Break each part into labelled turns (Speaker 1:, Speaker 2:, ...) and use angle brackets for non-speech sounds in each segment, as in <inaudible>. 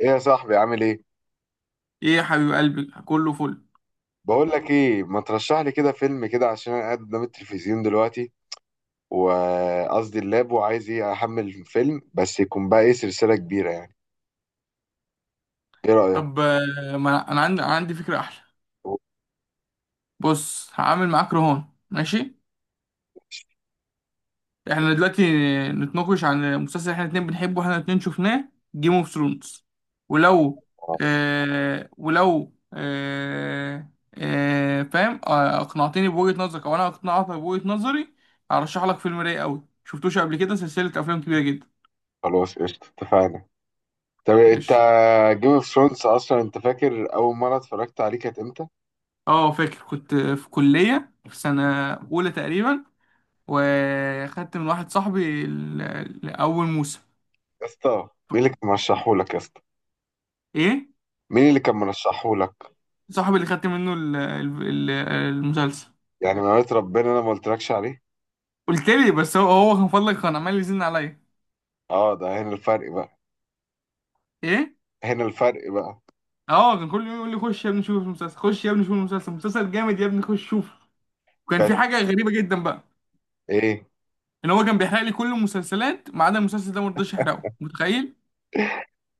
Speaker 1: ايه يا صاحبي، عامل ايه؟
Speaker 2: ايه يا حبيب قلبي كله فل.
Speaker 1: بقول لك ايه، ما ترشح لي كده فيلم كده، عشان انا قاعد قدام التلفزيون دلوقتي، وقصدي اللاب، وعايز ايه احمل فيلم بس يكون بقى ايه سلسلة كبيرة يعني. ايه رأيك؟
Speaker 2: طب ما انا أنا عندي أنا عندي فكره احلى. بص هعمل معاك رهان، ماشي. احنا دلوقتي نتناقش عن مسلسل احنا الاتنين بنحبه احنا الاتنين شفناه، جيم اوف ثرونز. ولو آه ولو آه فاهم، اقنعتني بوجهه نظرك او انا اقنعتك بوجهه نظري. هرشح لك فيلم رايق قوي شفتوش قبل كده، سلسله افلام كبيره جدا.
Speaker 1: خلاص قشطة، اتفقنا. طب انت،
Speaker 2: ماشي.
Speaker 1: جيم اوف ثرونز اصلا، انت فاكر اول مرة اتفرجت عليه كانت امتى؟
Speaker 2: اه فاكر، كنت في كليه في سنه اولى تقريبا، وخدت من واحد صاحبي اول موسم.
Speaker 1: يا اسطى، مين اللي كان مرشحه لك يا اسطى؟
Speaker 2: ايه؟
Speaker 1: مين اللي كان مرشحه لك؟
Speaker 2: صاحبي اللي خدت منه المسلسل.
Speaker 1: يعني ما ربنا، انا ما قلتلكش عليه.
Speaker 2: قلت لي، بس هو كان فضلك، كان عمال يزن عليا.
Speaker 1: اه، ده هنا الفرق بقى.
Speaker 2: ايه؟
Speaker 1: هنا الفرق بقى.
Speaker 2: اه، كان كل يوم يقول لي: خش يا ابني شوف المسلسل، خش يا ابني شوف المسلسل، مسلسل جامد يا ابني خش شوف. وكان
Speaker 1: كانت؟
Speaker 2: في حاجه غريبه جدا بقى.
Speaker 1: ايه؟
Speaker 2: ان هو كان بيحرق لي كل المسلسلات ما عدا المسلسل ده، ما رضاش يحرقه، متخيل؟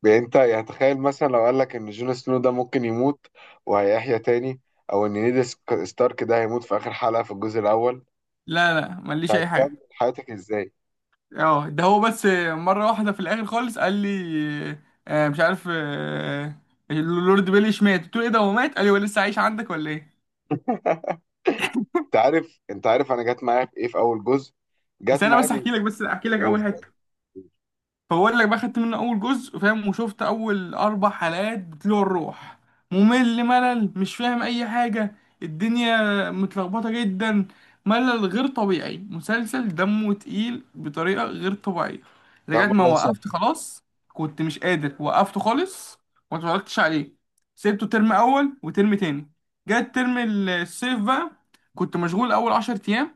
Speaker 1: يعني انت، يعني تخيل مثلا لو قال لك ان جون سنو ده ممكن يموت وهيحيا تاني، او ان نيد ستارك ده هيموت في اخر حلقة في الجزء الاول.
Speaker 2: لا لا، ماليش اي
Speaker 1: تكمل
Speaker 2: حاجه.
Speaker 1: حياتك ازاي؟
Speaker 2: اه ده هو بس، مرة واحدة في الآخر خالص قال لي، مش عارف، اللورد بيليش مات. قلت له: ايه ده هو مات؟ قال لي: هو لسه عايش عندك ولا ايه؟
Speaker 1: انت عارف انا جت معايا في ايه، في اول جزء.
Speaker 2: بس
Speaker 1: جت
Speaker 2: انا، بس
Speaker 1: معايا.
Speaker 2: احكي لك بس احكي لك اول
Speaker 1: قلت.
Speaker 2: حتة. فبقول لك بقى، خدت منه اول جزء، فاهم، وشفت اول 4 حلقات بتلوع الروح. ممل، ملل، مش فاهم اي حاجه. الدنيا متلخبطه جدا. ملل غير طبيعي، مسلسل دمه تقيل بطريقه غير طبيعيه.
Speaker 1: يا
Speaker 2: لغايه
Speaker 1: عم،
Speaker 2: ما
Speaker 1: الله
Speaker 2: وقفت
Speaker 1: يسامحك.
Speaker 2: خلاص، كنت مش قادر، وقفته خالص. وما اتفرجتش عليه. سيبته ترم اول وترم تاني. جت ترم الصيف بقى. كنت مشغول اول 10 ايام.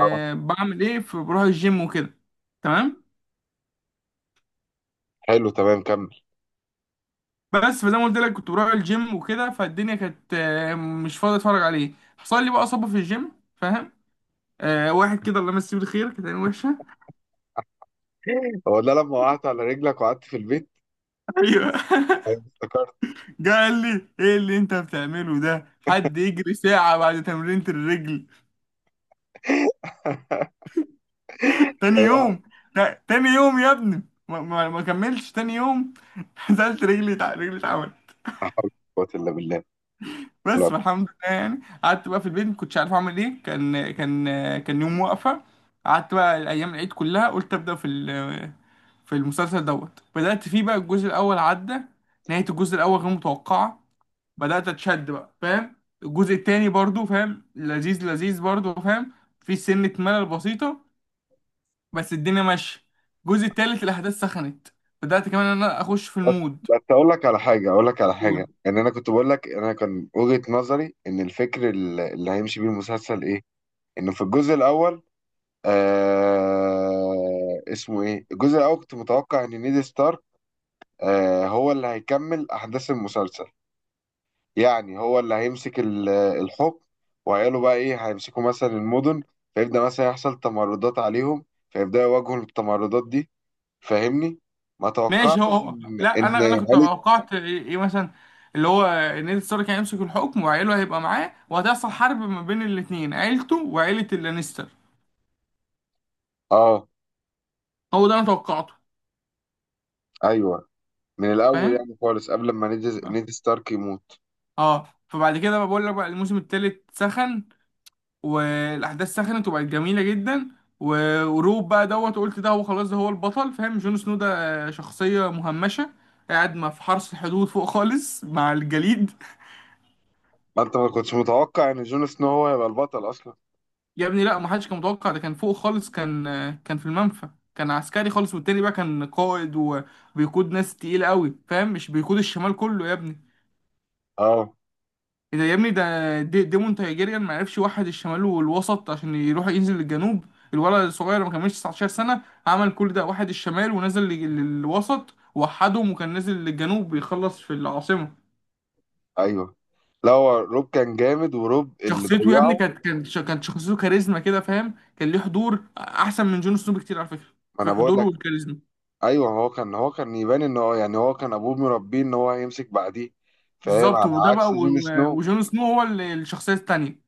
Speaker 1: اه،
Speaker 2: بعمل ايه؟ في، بروح الجيم وكده. تمام.
Speaker 1: حلو، تمام، كمل.
Speaker 2: بس فزي ما قلت لك كنت بروح الجيم وكده، فالدنيا كانت، مش فاضي اتفرج عليه. حصل لي بقى اصابه في الجيم، فاهم. واحد كده الله يمسيه بالخير، كانت عينه وحشه <laughs>
Speaker 1: هو ده لما وقعت على رجلك وقعدت في البيت؟
Speaker 2: ايوه <laughs>
Speaker 1: ايوه، افتكرت.
Speaker 2: جه قال لي: ايه اللي انت بتعمله ده؟ حد يجري ساعه بعد تمرينة الرجل؟ تاني
Speaker 1: ايوه، لا.
Speaker 2: يوم؟ تاني يوم يا ابني. ما كملتش تاني يوم. <laughs> نزلت رجلي، رجلي اتعملت.
Speaker 1: قوة الا بالله. لا.
Speaker 2: بس الحمد لله يعني. قعدت بقى في البيت ما كنتش عارف اعمل ايه، كان كان كان يوم واقفه. قعدت بقى الايام العيد كلها، قلت ابدا في، في المسلسل دوت، بدأت فيه بقى. الجزء الأول عدى. نهاية الجزء الأول غير متوقعة. بدأت أتشد بقى، فاهم. الجزء التاني برضو فاهم، لذيذ لذيذ برضو فاهم. في سنة ملل بسيطة. بس الدنيا ماشية. الجزء التالت الأحداث سخنت. بدأت كمان إن أنا أخش في المود.
Speaker 1: بس اقول لك على حاجه،
Speaker 2: قول.
Speaker 1: ان انا كنت بقول لك، انا كان وجهه نظري ان الفكر اللي هيمشي بيه المسلسل ايه. انه في الجزء الاول، اسمه ايه الجزء الاول، كنت متوقع ان نيد ستارك، هو اللي هيكمل احداث المسلسل. يعني هو اللي هيمسك الحكم، وعياله بقى ايه هيمسكوا مثلا المدن، فيبدأ مثلا يحصل تمردات عليهم، فيبدأوا يواجهوا التمردات دي. فاهمني؟ ما
Speaker 2: ماشي،
Speaker 1: توقعتش ان
Speaker 2: لا
Speaker 1: ان
Speaker 2: أنا كنت
Speaker 1: عيلة.
Speaker 2: توقعت إيه مثلا، اللي هو نيد ستارك هيمسك الحكم وعيله هيبقى معاه وهتحصل حرب ما بين الاتنين، عيلته وعيلة اللانستر.
Speaker 1: اه،
Speaker 2: هو ده أنا توقعته.
Speaker 1: ايوه. من الاول
Speaker 2: فاهم.
Speaker 1: يعني خالص، قبل ما نيد ستارك يموت.
Speaker 2: اه فبعد كده بقى، بقول لك بقى، الموسم التالت سخن. والاحداث سخنت وبقت جميله جدا. وروب بقى دوت، قلت ده هو خلاص، ده هو البطل، فاهم، جون سنو ده، شخصيه مهمشه، قاعد ما في حرس الحدود فوق خالص مع الجليد.
Speaker 1: ما انت ما كنتش متوقع ان جون سنو هو هيبقى البطل اصلا.
Speaker 2: <laughs> يا ابني لا، ما حدش كان متوقع، ده كان فوق خالص، كان، كان في المنفى. كان عسكري خالص، والتاني بقى كان قائد وبيقود ناس تقيله قوي، فاهم، مش بيقود الشمال كله يا ابني.
Speaker 1: اه،
Speaker 2: إيه ده يا ابني، ده دي ديمون تايجيريان، ما عرفش يوحد الشمال والوسط عشان يروح ينزل للجنوب. الولد الصغير ما كملش 19 سنة، عمل كل ده، وحد الشمال ونزل للوسط، وحدهم وكان نازل للجنوب بيخلص في العاصمة.
Speaker 1: ايوه. لا، هو روب كان جامد، وروب اللي
Speaker 2: شخصيته يا ابني
Speaker 1: ضيعه.
Speaker 2: كانت، كانت شخصيته كاريزما كده، فاهم، كان ليه حضور احسن من جون سنو بكتير على فكرة.
Speaker 1: ما انا
Speaker 2: في
Speaker 1: بقول
Speaker 2: حضوره
Speaker 1: لك.
Speaker 2: والكاريزما.
Speaker 1: ايوه، هو كان يبان ان هو، يعني هو كان ابوه مربيه ان هو هيمسك بعديه، فاهم،
Speaker 2: بالظبط،
Speaker 1: على
Speaker 2: وده
Speaker 1: عكس
Speaker 2: بقى
Speaker 1: جون سنو.
Speaker 2: وجون سنو هو الشخصية التانية.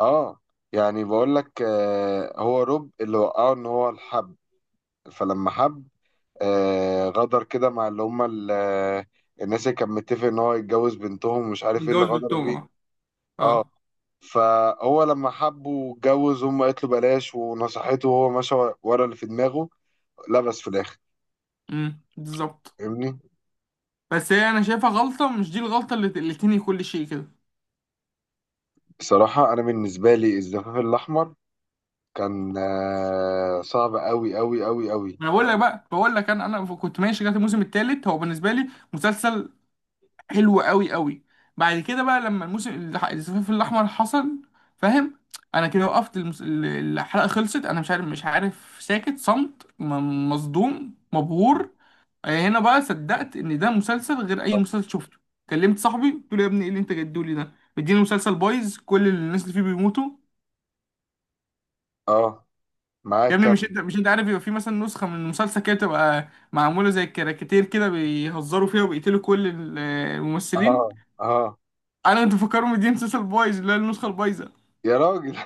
Speaker 1: اه. يعني بقول لك، هو روب اللي وقعه ان هو الحب. فلما حب، غدر كده مع اللي هم، الناس اللي كان متفق ان هو يتجوز بنتهم، ومش عارف ايه اللي
Speaker 2: متجوز
Speaker 1: غدروا
Speaker 2: بالتوم،
Speaker 1: بيه.
Speaker 2: اه.
Speaker 1: اه.
Speaker 2: اه.
Speaker 1: فهو لما حبه واتجوز، هم قالت له بلاش ونصحته، وهو مشى ورا اللي في دماغه. لبس في الاخر.
Speaker 2: بالظبط.
Speaker 1: فاهمني؟
Speaker 2: بس هي انا شايفها غلطه، مش دي الغلطه اللي تنهي كل شيء كده.
Speaker 1: بصراحه، انا بالنسبه لي الزفاف الاحمر كان صعب قوي قوي قوي قوي.
Speaker 2: ما انا بقول لك بقى، بقول لك انا، كنت ماشي لغايه الموسم الثالث، هو بالنسبه لي مسلسل حلو قوي قوي. بعد كده بقى، لما الزفاف الاحمر حصل، فاهم، انا كده وقفت الحلقه خلصت، انا مش عارف ساكت صمت، مصدوم
Speaker 1: م.
Speaker 2: مبهور. هنا بقى صدقت ان ده مسلسل غير اي
Speaker 1: اه.
Speaker 2: مسلسل شفته. كلمت صاحبي قلت له: يا ابني ايه اللي انت جدولي ده، مديني مسلسل بايظ كل الناس اللي فيه بيموتوا.
Speaker 1: آه،
Speaker 2: يا
Speaker 1: معاك
Speaker 2: ابني،
Speaker 1: كم؟
Speaker 2: مش انت عارف، يبقى في مثلا نسخة من المسلسل كده بتبقى معمولة زي الكاريكاتير، كده بيهزروا فيها وبيقتلوا كل الممثلين.
Speaker 1: اه، اه،
Speaker 2: انا كنت مفكرهم دي مسلسل بايظ، اللي هي النسخة البايظة.
Speaker 1: يا راجل.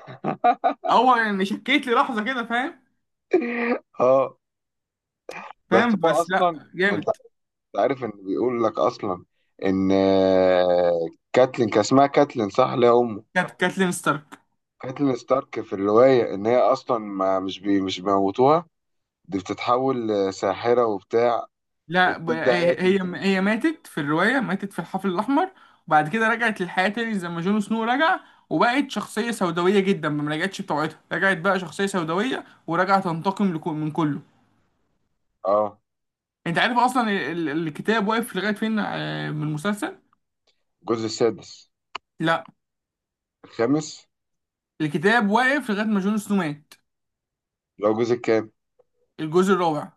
Speaker 2: اول يعني شكيت لي لحظة كده، فاهم.
Speaker 1: <laughs> اه، بس
Speaker 2: فاهم
Speaker 1: هو
Speaker 2: بس لا،
Speaker 1: اصلا، انت
Speaker 2: جامد.
Speaker 1: عارف ان بيقول لك اصلا ان، كاتلين، كان اسمها كاتلين صح، اللي هي امه،
Speaker 2: كانت كاتلين ستارك.
Speaker 1: كاتلين ستارك، في الروايه ان هي اصلا ما مش بي مش بيموتوها. دي بتتحول لساحره وبتاع،
Speaker 2: لا،
Speaker 1: وبتبدا هي
Speaker 2: هي
Speaker 1: تنتقم.
Speaker 2: ماتت في الرواية، ماتت في الحفل الأحمر. وبعد كده رجعت للحياة تاني زي ما جون سنو رجع. وبقت شخصية سوداوية جدا، ما رجعتش بطبيعتها، رجعت بقى شخصية سوداوية ورجعت تنتقم من كله.
Speaker 1: اه.
Speaker 2: انت عارف اصلا الكتاب واقف لغايه فين، من المسلسل.
Speaker 1: الجزء السادس.
Speaker 2: لا،
Speaker 1: الخامس.
Speaker 2: الكتاب واقف لغايه ما جون سنو مات.
Speaker 1: لو جزء كام.
Speaker 2: الجزء الرابع.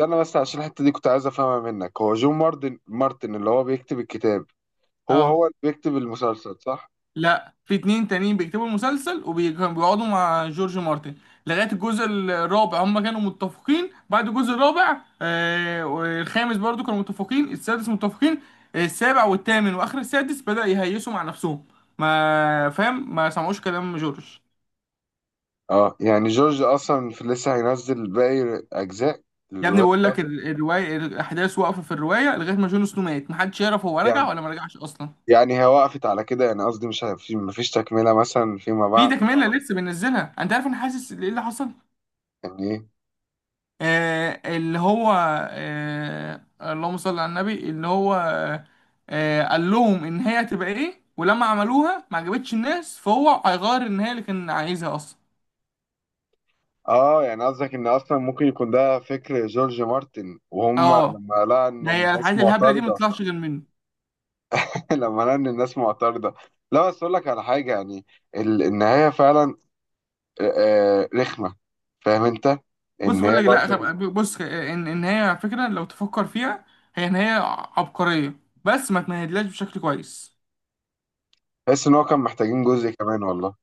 Speaker 1: استنى بس، عشان الحته دي كنت عايز افهمها منك. هو جون مارتن اللي هو بيكتب الكتاب، هو
Speaker 2: اه.
Speaker 1: هو اللي بيكتب المسلسل صح؟
Speaker 2: لا، في اتنين تانيين بيكتبوا المسلسل وبيقعدوا مع جورج مارتن. لغايه الجزء الرابع هم كانوا متفقين، بعد الجزء الرابع والخامس برضو كانوا متفقين، السادس متفقين، السابع والثامن واخر السادس بدأ يهيسوا مع نفسهم، ما فاهم ما سمعوش كلام جورج.
Speaker 1: اه. يعني جورج اصلا في لسه هينزل باقي اجزاء
Speaker 2: يا ابني
Speaker 1: الروايه
Speaker 2: بقول لك،
Speaker 1: بتاعته؟
Speaker 2: الروايه الاحداث واقفه في الروايه لغايه ما جون سنو مات، محدش يعرف هو رجع
Speaker 1: يعني،
Speaker 2: ولا ما رجعش اصلا.
Speaker 1: هي وقفت على كده يعني، قصدي مش ه- في مفيش تكمله مثلا فيما
Speaker 2: في
Speaker 1: بعد؟
Speaker 2: تكمله، اه، لسه بننزلها. انت عارف انا حاسس ايه اللي حصل.
Speaker 1: يعني ايه؟
Speaker 2: اللي هو، اللهم صل على النبي، اللي هو، قال لهم ان هي هتبقى ايه، ولما عملوها ما عجبتش الناس، فهو هيغير النهايه اللي كان عايزها اصلا.
Speaker 1: اه. يعني قصدك ان اصلا ممكن يكون ده فكر جورج مارتن، وهم
Speaker 2: اه،
Speaker 1: لما لقى ان
Speaker 2: ما هي
Speaker 1: الناس
Speaker 2: الحاجات الهبله دي ما
Speaker 1: معترضه.
Speaker 2: تطلعش غير منه.
Speaker 1: <laughs> لما لقى ان الناس معترضه. لا، بس اقول لك على حاجه يعني، النهايه فعلا آه، رخمة. فاهم انت؟
Speaker 2: بص
Speaker 1: ان
Speaker 2: بقول
Speaker 1: هي
Speaker 2: لك لا،
Speaker 1: برضو.
Speaker 2: طب بص، ان هي على فكره لو تفكر فيها، هي عبقريه، بس ما تمهدلهاش بشكل كويس.
Speaker 1: تحس ان هو كان محتاجين جزء كمان والله.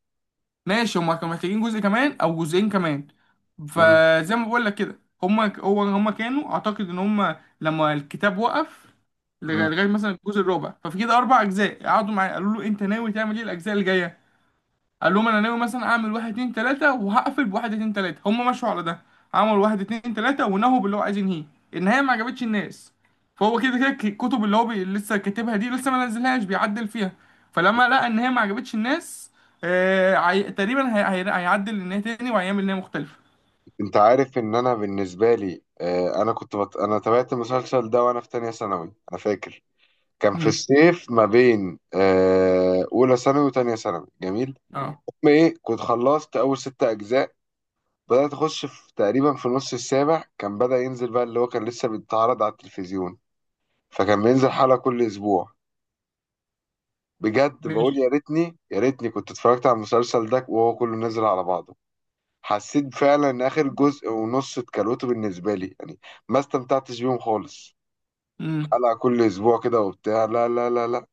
Speaker 2: ماشي، هما كانوا محتاجين جزء كمان او جزئين كمان.
Speaker 1: مم.
Speaker 2: فزي ما بقول لك كده، هما كانوا، اعتقد ان هما لما الكتاب وقف
Speaker 1: مم.
Speaker 2: لغاية مثلا الجزء الرابع، ففي كده 4 اجزاء قعدوا معايا، قالوا له: انت ناوي تعمل ايه الاجزاء اللي جايه؟ قال لهم: انا ناوي مثلا اعمل واحد اتنين تلاته، وهقفل بواحد اتنين تلاته، هم مشوا على ده. عملوا واحد اتنين تلاته ونهوا باللي هو عايز ينهيه. النهايه ما عجبتش الناس. فهو كده كده الكتب اللي هو لسه كاتبها دي لسه ما نزلهاش، بيعدل فيها. فلما لقى ان هي ما عجبتش الناس، تقريبا هيعدل النهايه تاني وهيعمل نهايه مختلفه.
Speaker 1: انت عارف ان انا بالنسبة لي، انا انا تابعت المسلسل ده وانا في تانية ثانوي، انا فاكر. كان في
Speaker 2: امم.
Speaker 1: الصيف ما بين اولى ثانوي وتانية ثانوي. جميل.
Speaker 2: ايوه اه.
Speaker 1: المهم ايه، كنت خلصت اول ست اجزاء. بدأت اخش في تقريبا في نص السابع، كان بدأ ينزل بقى اللي هو كان لسه بيتعرض على التلفزيون، فكان بينزل حلقة كل اسبوع. بجد، بقول يا
Speaker 2: ماشي.
Speaker 1: ريتني يا ريتني كنت اتفرجت على المسلسل ده وهو كله نزل على بعضه. حسيت فعلا ان اخر جزء ونص اتكلوته بالنسبه لي يعني، ما استمتعتش بيهم خالص.
Speaker 2: امم.
Speaker 1: حلقه كل اسبوع كده وبتاع، لا لا لا لا.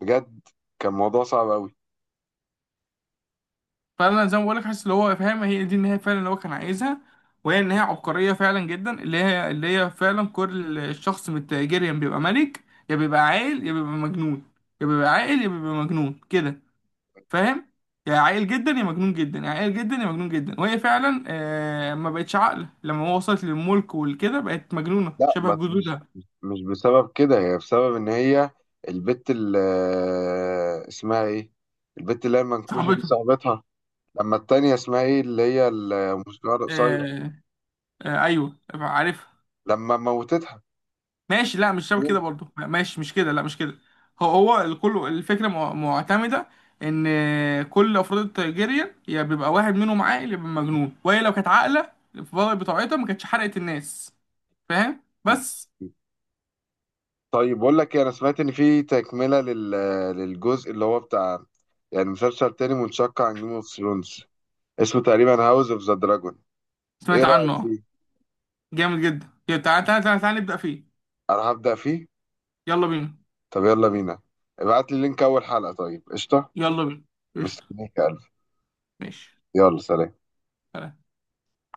Speaker 1: بجد، كان موضوع صعب قوي.
Speaker 2: فانا زي ما بقولك، حاسس اللي هو فاهم، هي دي النهايه فعلا اللي هو كان عايزها، وهي النهايه عبقريه فعلا جدا، اللي هي فعلا كل الشخص من التاجريان بيبقى ملك. يا بيبقى عاقل يا بيبقى مجنون. يا بيبقى عاقل يا بيبقى مجنون كده، فاهم. يا عاقل جدا يا مجنون جدا يا عاقل جدا يا مجنون جدا، وهي فعلا ما بقتش عاقله، لما هو وصلت للملك والكده بقت مجنونه
Speaker 1: لا،
Speaker 2: شبه
Speaker 1: ما مش
Speaker 2: جدودها.
Speaker 1: مش بسبب كده، هي بسبب ان هي البت اللي اسمها ايه، البت اللي هي المنكوشه دي،
Speaker 2: صاحبتها.
Speaker 1: صاحبتها، لما التانية اسمها ايه، اللي هي الموسيقار القصير،
Speaker 2: آه. آه ايوه عارفها.
Speaker 1: لما موتتها.
Speaker 2: ماشي لا، مش شبه كده برضه، لا، ماشي مش كده، لا مش كده. هو هو الكل، الفكره معتمده ان كل افراد الترجيريان يا بيبقى واحد منهم عاقل يا بيبقى مجنون، وهي لو كانت عاقله في بطاقتها ما كانتش حرقت الناس، فاهم بس.
Speaker 1: طيب بقول لك إيه، انا سمعت ان في تكمله للجزء اللي هو بتاع، يعني مسلسل تاني منشق عن جيم اوف ثرونز، اسمه تقريبا هاوس اوف ذا دراجون. ايه
Speaker 2: سمعت عنه،
Speaker 1: رايك
Speaker 2: آه.
Speaker 1: فيه؟
Speaker 2: جامد جدا، يلا، تعال تعال تعال تعال نبدا فيه.
Speaker 1: انا هبدا فيه.
Speaker 2: يلا بينا.
Speaker 1: طب يلا بينا. ابعت لي لينك اول حلقه طيب، قشطه.
Speaker 2: يلا بينا. قشطه.
Speaker 1: مستنيك يا قلبي.
Speaker 2: ماشي.
Speaker 1: يلا، سلام.